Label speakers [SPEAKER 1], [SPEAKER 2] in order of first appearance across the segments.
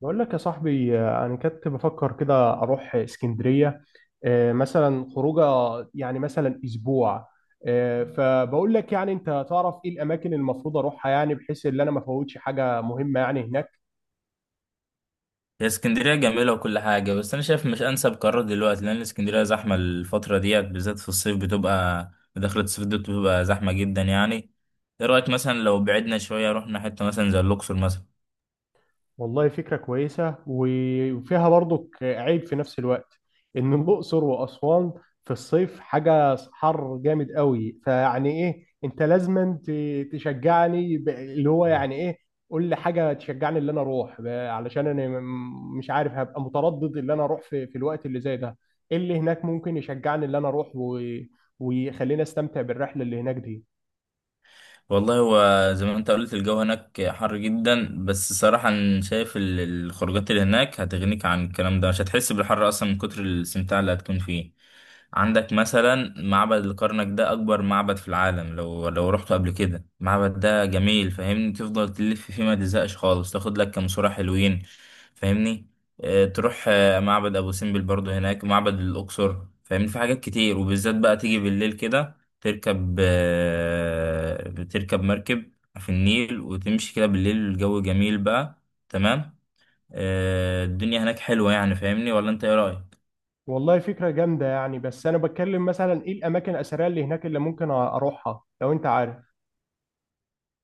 [SPEAKER 1] بقول لك يا صاحبي، انا كنت بفكر كده اروح اسكندريه. مثلا خروجه، يعني مثلا اسبوع. فبقول لك، يعني انت تعرف ايه الاماكن اللي المفروض اروحها، يعني بحيث ان انا ما افوتش حاجه مهمه يعني هناك؟
[SPEAKER 2] هي اسكندرية جميلة وكل حاجة، بس أنا شايف مش أنسب قرار دلوقتي لأن اسكندرية زحمة الفترة ديت بالذات في الصيف، بتبقى دخلة الصيف دي بتبقى زحمة جدا يعني. إيه رأيك مثلا لو بعدنا شوية رحنا حتة مثلا زي الأقصر مثلا؟
[SPEAKER 1] والله فكرة كويسة وفيها برضو عيب في نفس الوقت. إن الأقصر وأسوان في الصيف حاجة حر جامد قوي. فيعني إيه، أنت لازم تشجعني، اللي هو يعني إيه. قول لي حاجة تشجعني اللي أنا أروح، علشان أنا مش عارف، هبقى متردد اللي أنا أروح في الوقت اللي زي ده. إيه اللي هناك ممكن يشجعني اللي أنا أروح ويخليني أستمتع بالرحلة اللي هناك دي؟
[SPEAKER 2] والله هو زي ما انت قلت الجو هناك حر جدا، بس صراحة انا شايف الخروجات اللي هناك هتغنيك عن الكلام ده، مش هتحس بالحر اصلا من كتر الاستمتاع اللي هتكون فيه. عندك مثلا معبد الكرنك، ده اكبر معبد في العالم. لو رحته قبل كده، المعبد ده جميل. فاهمني؟ تفضل تلف فيه ما تزهقش خالص، تاخد لك كام صورة حلوين. فاهمني؟ اه تروح معبد ابو سمبل، برضه هناك معبد الاقصر. فاهمني؟ في حاجات كتير، وبالذات بقى تيجي بالليل كده، تركب آه، بتركب مركب في النيل وتمشي كده بالليل، الجو جميل بقى. تمام. الدنيا هناك حلوة يعني. فاهمني؟ ولا انت ايه رأيك؟
[SPEAKER 1] والله فكرة جامدة يعني، بس أنا بتكلم مثلا إيه الأماكن الأثرية اللي هناك اللي ممكن أروحها، لو أنت عارف.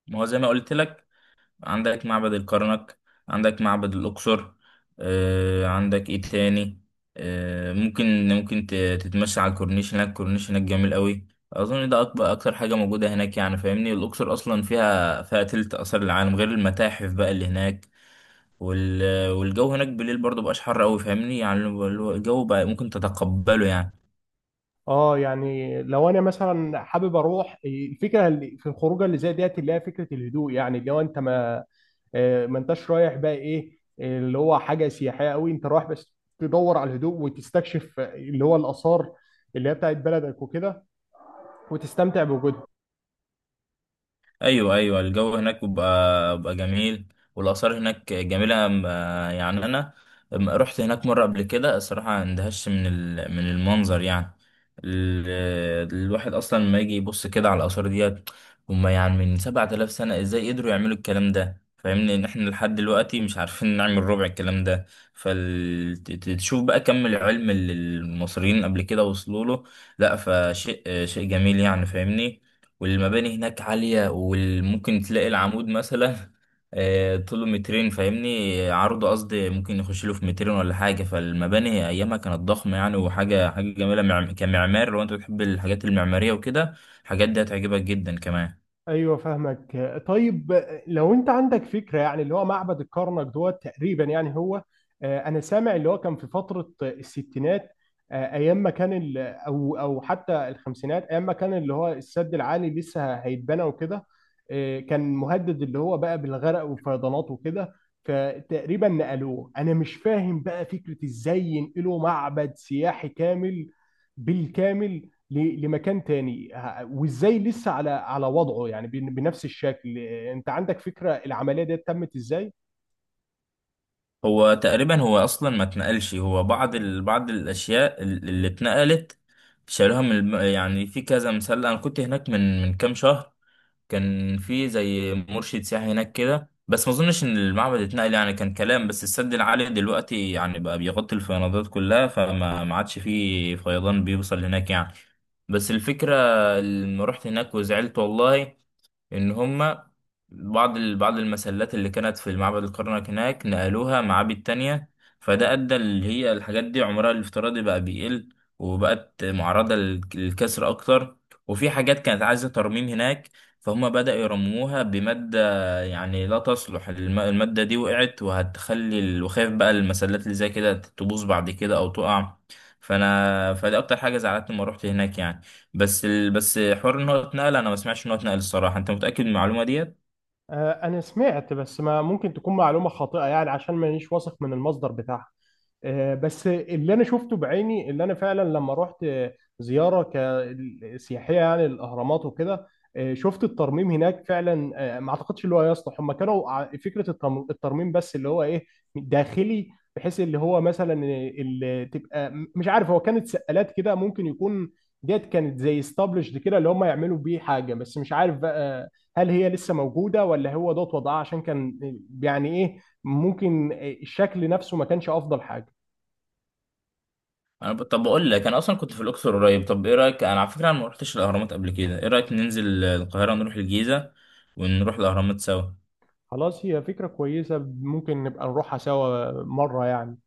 [SPEAKER 2] ما هو زي ما قلت لك، عندك معبد الكرنك، عندك معبد الأقصر. عندك ايه تاني؟ ممكن تتمشى على الكورنيش، هناك الكورنيش هناك جميل قوي. اظن ده اكبر اكتر حاجه موجوده هناك يعني. فاهمني؟ الاقصر اصلا فيها تلت اثار العالم، غير المتاحف بقى اللي هناك. والجو هناك بالليل برضه مبقاش حر قوي. فاهمني يعني؟ اللي هو الجو بقى ممكن تتقبله يعني.
[SPEAKER 1] أه، يعني لو أنا مثلا حابب أروح، الفكرة اللي في الخروجة اللي زي ديت اللي هي فكرة الهدوء، يعني اللي هو أنت ما، ما أنتش رايح بقى إيه اللي هو حاجة سياحية أوي، أنت رايح بس تدور على الهدوء، وتستكشف اللي هو الآثار اللي هي بتاعت بلدك وكده، وتستمتع بوجودها.
[SPEAKER 2] ايوه، ايوه، الجو هناك بيبقى جميل. والاثار هناك جميله. يعني انا رحت هناك مره قبل كده. الصراحه اندهشت من المنظر يعني. الواحد اصلا لما يجي يبص كده على الاثار ديت. هم يعني من 7000 سنه، ازاي قدروا يعملوا الكلام ده؟ فاهمني ان احنا لحد دلوقتي مش عارفين نعمل ربع الكلام ده. فتشوف بقى كم العلم اللي المصريين قبل كده وصلوا له. لا، فشيء شيء جميل يعني. فاهمني؟ والمباني هناك عالية، وممكن تلاقي العمود مثلا طوله مترين. فاهمني؟ عرضه قصدي، ممكن يخش له في مترين ولا حاجة. فالمباني أيامها كانت ضخمة يعني، وحاجة حاجة جميلة كمعمار. لو أنت بتحب الحاجات المعمارية وكده، الحاجات دي هتعجبك جدا كمان.
[SPEAKER 1] ايوه، فاهمك. طيب، لو انت عندك فكره، يعني اللي هو معبد الكرنك دوت تقريبا يعني هو، انا سامع اللي هو كان في فتره الستينات، ايام ما كان او حتى الخمسينات، ايام ما كان اللي هو السد العالي لسه هيتبنى وكده، كان مهدد اللي هو بقى بالغرق والفيضانات وكده. فتقريبا نقلوه. انا مش فاهم بقى فكره ازاي ينقلوا معبد سياحي كامل بالكامل لمكان تاني، وازاي لسه على وضعه، يعني بنفس الشكل. انت عندك فكرة العملية دي تمت ازاي؟
[SPEAKER 2] هو تقريبا هو أصلا ما اتنقلش، هو بعض الأشياء اللي اتنقلت شالوها من يعني، في كذا مثال. أنا كنت هناك من كام شهر، كان في زي مرشد سياحي هناك كده، بس ما اظنش ان المعبد اتنقل يعني، كان كلام بس. السد العالي دلوقتي يعني بقى بيغطي الفيضانات كلها، فما ما عادش فيه فيضان بيوصل هناك يعني. بس الفكرة لما رحت هناك وزعلت والله، ان هما بعض المسلات اللي كانت في معبد الكرنك هناك نقلوها معابد تانية. فده ادى اللي هي الحاجات دي عمرها الافتراضي بقى بيقل، وبقت معرضة للكسر اكتر. وفي حاجات كانت عايزة ترميم هناك، فهم بدأوا يرموها بمادة يعني لا تصلح. المادة دي وقعت وهتخلي وخايف بقى المسلات اللي زي كده تبوظ بعد كده او تقع. فانا فدي اكتر حاجة زعلتني لما روحت هناك يعني. بس حوار ان هو اتنقل، انا ما سمعتش ان هو اتنقل الصراحه. انت متاكد من المعلومه ديت؟
[SPEAKER 1] أنا سمعت، بس ما ممكن تكون معلومة خاطئة يعني، عشان مانيش واثق من المصدر بتاعها. بس اللي أنا شفته بعيني، اللي أنا فعلا لما رحت زيارة سياحية يعني، الأهرامات وكده، شفت الترميم هناك فعلا. ما أعتقدش اللي هو يصلح، هم كانوا فكرة الترميم، بس اللي هو إيه، داخلي، بحيث اللي هو مثلا اللي تبقى، مش عارف هو كانت سقالات كده ممكن يكون. ديت كانت زي استابلشد كده اللي هم يعملوا بيه حاجة، بس مش عارف بقى، هل هي لسه موجودة ولا هو دوت وضعها عشان كان يعني ايه، ممكن الشكل نفسه ما كانش افضل حاجة.
[SPEAKER 2] طب بقول لك، انا اصلا كنت في الاقصر قريب. طب ايه رايك، انا على فكره انا ما رحتش الاهرامات قبل كده، ايه رايك ننزل القاهره ونروح الجيزه ونروح الاهرامات سوا؟
[SPEAKER 1] خلاص، هي فكرة كويسة، ممكن نبقى نروحها سوا مرة يعني.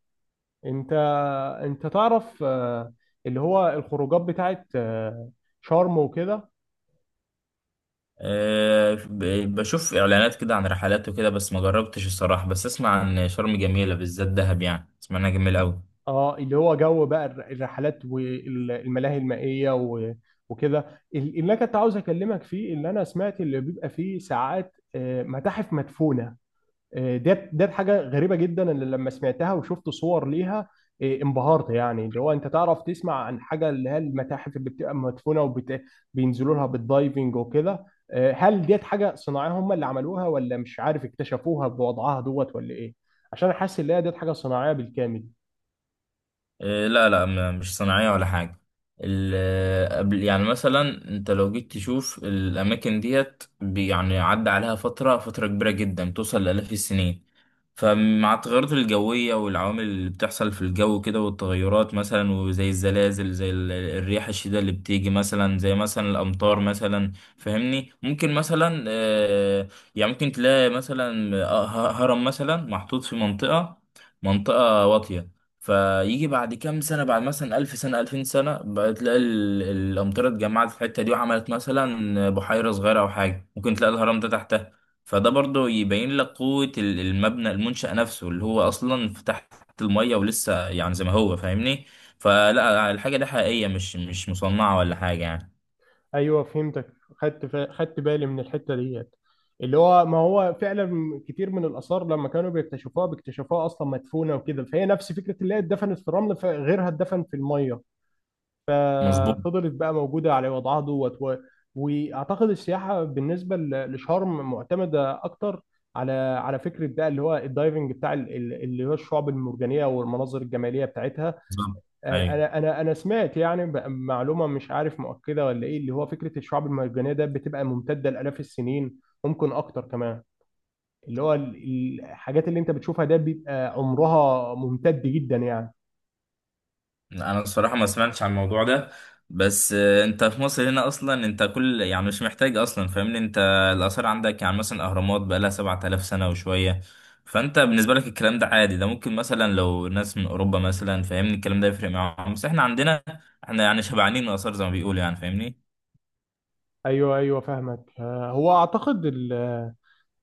[SPEAKER 1] انت انت تعرف، اللي هو الخروجات بتاعت شرم وكده.
[SPEAKER 2] أه... ب... بشوف اعلانات كده عن رحلات وكده، بس ما جربتش الصراحه، بس اسمع عن شرم جميله، بالذات دهب يعني، اسمع انها جميله قوي.
[SPEAKER 1] اه، اللي هو جو بقى الرحلات والملاهي المائية وكده. اللي انا كنت عاوز اكلمك فيه، اللي انا سمعت اللي بيبقى فيه ساعات متاحف مدفونة. ديت حاجه غريبه جدا، اللي لما سمعتها وشفت صور ليها انبهرت. يعني اللي هو انت تعرف، تسمع عن حاجه اللي هي المتاحف اللي بتبقى مدفونه وبينزلوا لها بالدايفنج وكده. هل ديت حاجه صناعيه هم اللي عملوها، ولا مش عارف اكتشفوها بوضعها دوت، ولا ايه؟ عشان حاسس ان هي ديت حاجه صناعيه بالكامل.
[SPEAKER 2] إيه، لا، لا، مش صناعية ولا حاجة. قبل يعني مثلا انت لو جيت تشوف الأماكن ديت يعني عدى عليها فترة كبيرة جدا، توصل لآلاف السنين. فمع التغيرات الجوية والعوامل اللي بتحصل في الجو كده، والتغيرات مثلا وزي الزلازل، زي الرياح الشديدة اللي بتيجي مثلا، زي مثلا الأمطار مثلا. فاهمني، ممكن مثلا يعني ممكن تلاقي مثلا هرم مثلا محطوط في منطقة واطية، فيجي بعد كام سنة، بعد مثلا 1000 سنة 2000 سنة بقى، تلاقي الأمطار اتجمعت في الحتة دي، وعملت مثلا بحيرة صغيرة أو حاجة. ممكن تلاقي الهرم ده تحتها. فده برضه يبين لك قوة المبنى، المنشأ نفسه اللي هو أصلا في تحت المية ولسه يعني زي ما هو. فاهمني؟ فلا، الحاجة دي حقيقية، مش مصنعة ولا حاجة يعني.
[SPEAKER 1] ايوه، فهمتك، خدت بالي من الحته ديت، اللي هو ما هو فعلا كتير من الاثار لما كانوا بيكتشفوها، بيكتشفوها اصلا مدفونه وكده، فهي نفس فكره اللي هي اتدفنت في الرمل، فغيرها اتدفن في الميه،
[SPEAKER 2] مظبوط
[SPEAKER 1] ففضلت بقى موجوده على وضعها دوت واعتقد السياحه بالنسبه لشرم معتمده اكتر على فكره بقى اللي هو الدايفنج بتاع اللي هو الشعب المرجانيه والمناظر الجماليه بتاعتها.
[SPEAKER 2] بالظبط. أيوه.
[SPEAKER 1] انا سمعت يعني معلومه مش عارف مؤكده ولا ايه، اللي هو فكره الشعاب المرجانيه ده بتبقى ممتده لالاف السنين، ممكن اكتر كمان. اللي هو ال- الحاجات اللي انت بتشوفها ده بيبقى عمرها ممتد جدا يعني.
[SPEAKER 2] انا الصراحه ما سمعتش عن الموضوع ده، بس انت في مصر هنا اصلا، انت كل يعني مش محتاج اصلا. فاهمني؟ انت الاثار عندك، يعني مثلا الاهرامات بقى لها 7000 سنه وشويه، فانت بالنسبه لك الكلام ده عادي. ده ممكن مثلا لو ناس من اوروبا مثلا، فاهمني، الكلام ده يفرق معاهم، بس احنا عندنا، احنا يعني شبعانين من الاثار زي ما بيقولوا يعني. فاهمني؟
[SPEAKER 1] ايوه ايوه، فاهمك. هو اعتقد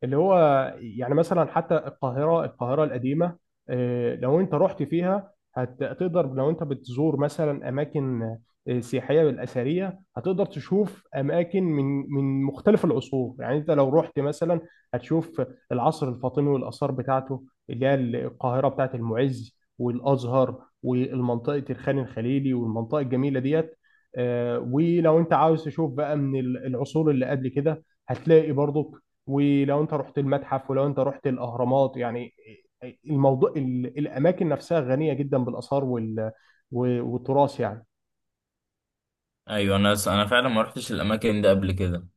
[SPEAKER 1] اللي هو يعني مثلا حتى القاهرة، القاهرة القديمة، لو انت رحت فيها هتقدر، لو انت بتزور مثلا اماكن سياحية بالاثرية، هتقدر تشوف اماكن من مختلف العصور، يعني انت لو رحت مثلا هتشوف العصر الفاطمي والاثار بتاعته، اللي هي القاهرة بتاعت المعز والازهر، والمنطقة الخان الخليلي والمنطقة الجميلة ديت. ولو انت عاوز تشوف بقى من العصور اللي قبل كده، هتلاقي برضو. ولو انت رحت المتحف، ولو انت رحت الاهرامات يعني، الموضوع الاماكن نفسها غنيه جدا بالاثار والتراث يعني.
[SPEAKER 2] ايوه، انا فعلا ما رحتش الاماكن دي قبل كده.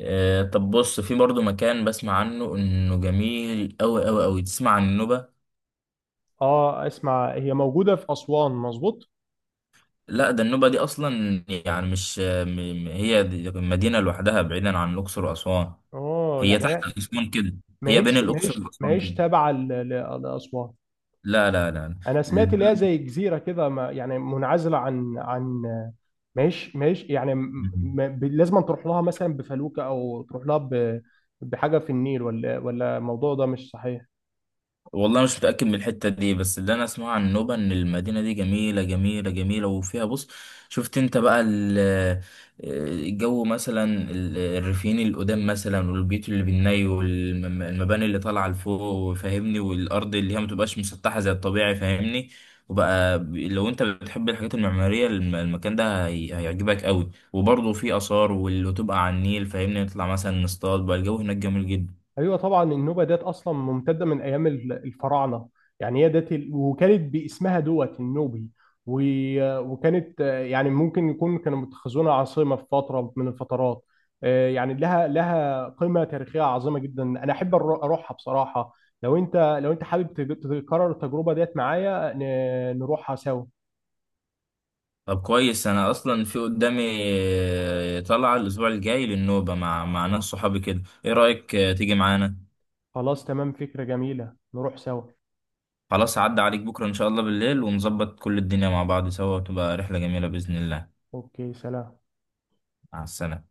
[SPEAKER 2] طب بص، في برضو مكان بسمع عنه انه جميل قوي قوي قوي، تسمع عن النوبه؟
[SPEAKER 1] اه، اسمع، هي موجوده في اسوان، مظبوط.
[SPEAKER 2] لا، ده النوبة دي أصلا يعني، مش هي دي مدينة لوحدها، بعيدا عن الأقصر وأسوان.
[SPEAKER 1] اه
[SPEAKER 2] هي
[SPEAKER 1] يعني
[SPEAKER 2] تحت
[SPEAKER 1] هي،
[SPEAKER 2] أسوان كده.
[SPEAKER 1] ما
[SPEAKER 2] هي بين
[SPEAKER 1] هيش ما
[SPEAKER 2] الأقصر
[SPEAKER 1] هيش ما
[SPEAKER 2] وأسوان
[SPEAKER 1] هيش
[SPEAKER 2] كده.
[SPEAKER 1] تابعه لاسوان.
[SPEAKER 2] لا، لا، لا،
[SPEAKER 1] انا سمعت اللي هي
[SPEAKER 2] البلد.
[SPEAKER 1] زي جزيره كده، يعني منعزله عن. ما هيش يعني، لازم تروح لها مثلا بفلوكه، او تروح لها بحاجه في النيل، ولا الموضوع ده مش صحيح؟
[SPEAKER 2] والله مش متأكد من الحتة دي، بس اللي أنا أسمعه عن نوبة إن المدينة دي جميلة جميلة جميلة. وفيها بص، شفت أنت بقى الجو مثلا، الريفيين القدام مثلا، والبيوت اللي بالني، والمباني اللي طالعة لفوق. فاهمني؟ والأرض اللي هي متبقاش مسطحة زي الطبيعي. فاهمني؟ وبقى لو أنت بتحب الحاجات المعمارية، المكان ده هيعجبك قوي. وبرضه فيه آثار، واللي تبقى على النيل فاهمني، نطلع مثلا نصطاد بقى، الجو هناك جميل جدا.
[SPEAKER 1] ايوه طبعا، النوبه ديت اصلا ممتده من ايام الفراعنه، يعني هي ديت وكانت باسمها دوت النوبي، وكانت يعني ممكن يكون كانوا متخذونها عاصمه في فتره من الفترات. يعني لها قيمه تاريخيه عظيمه جدا، انا احب اروحها بصراحه. لو انت حابب تكرر التجربه ديت معايا، نروحها سوا.
[SPEAKER 2] طب كويس، انا اصلا في قدامي طلعة الاسبوع الجاي للنوبة مع ناس صحابي كده، ايه رأيك تيجي معانا؟
[SPEAKER 1] خلاص تمام، فكره جميله، نروح سوا.
[SPEAKER 2] خلاص عدى عليك بكرة ان شاء الله بالليل، ونظبط كل الدنيا مع بعض سوا، وتبقى رحلة جميلة بإذن الله.
[SPEAKER 1] اوكي، سلام.
[SPEAKER 2] مع السلامة.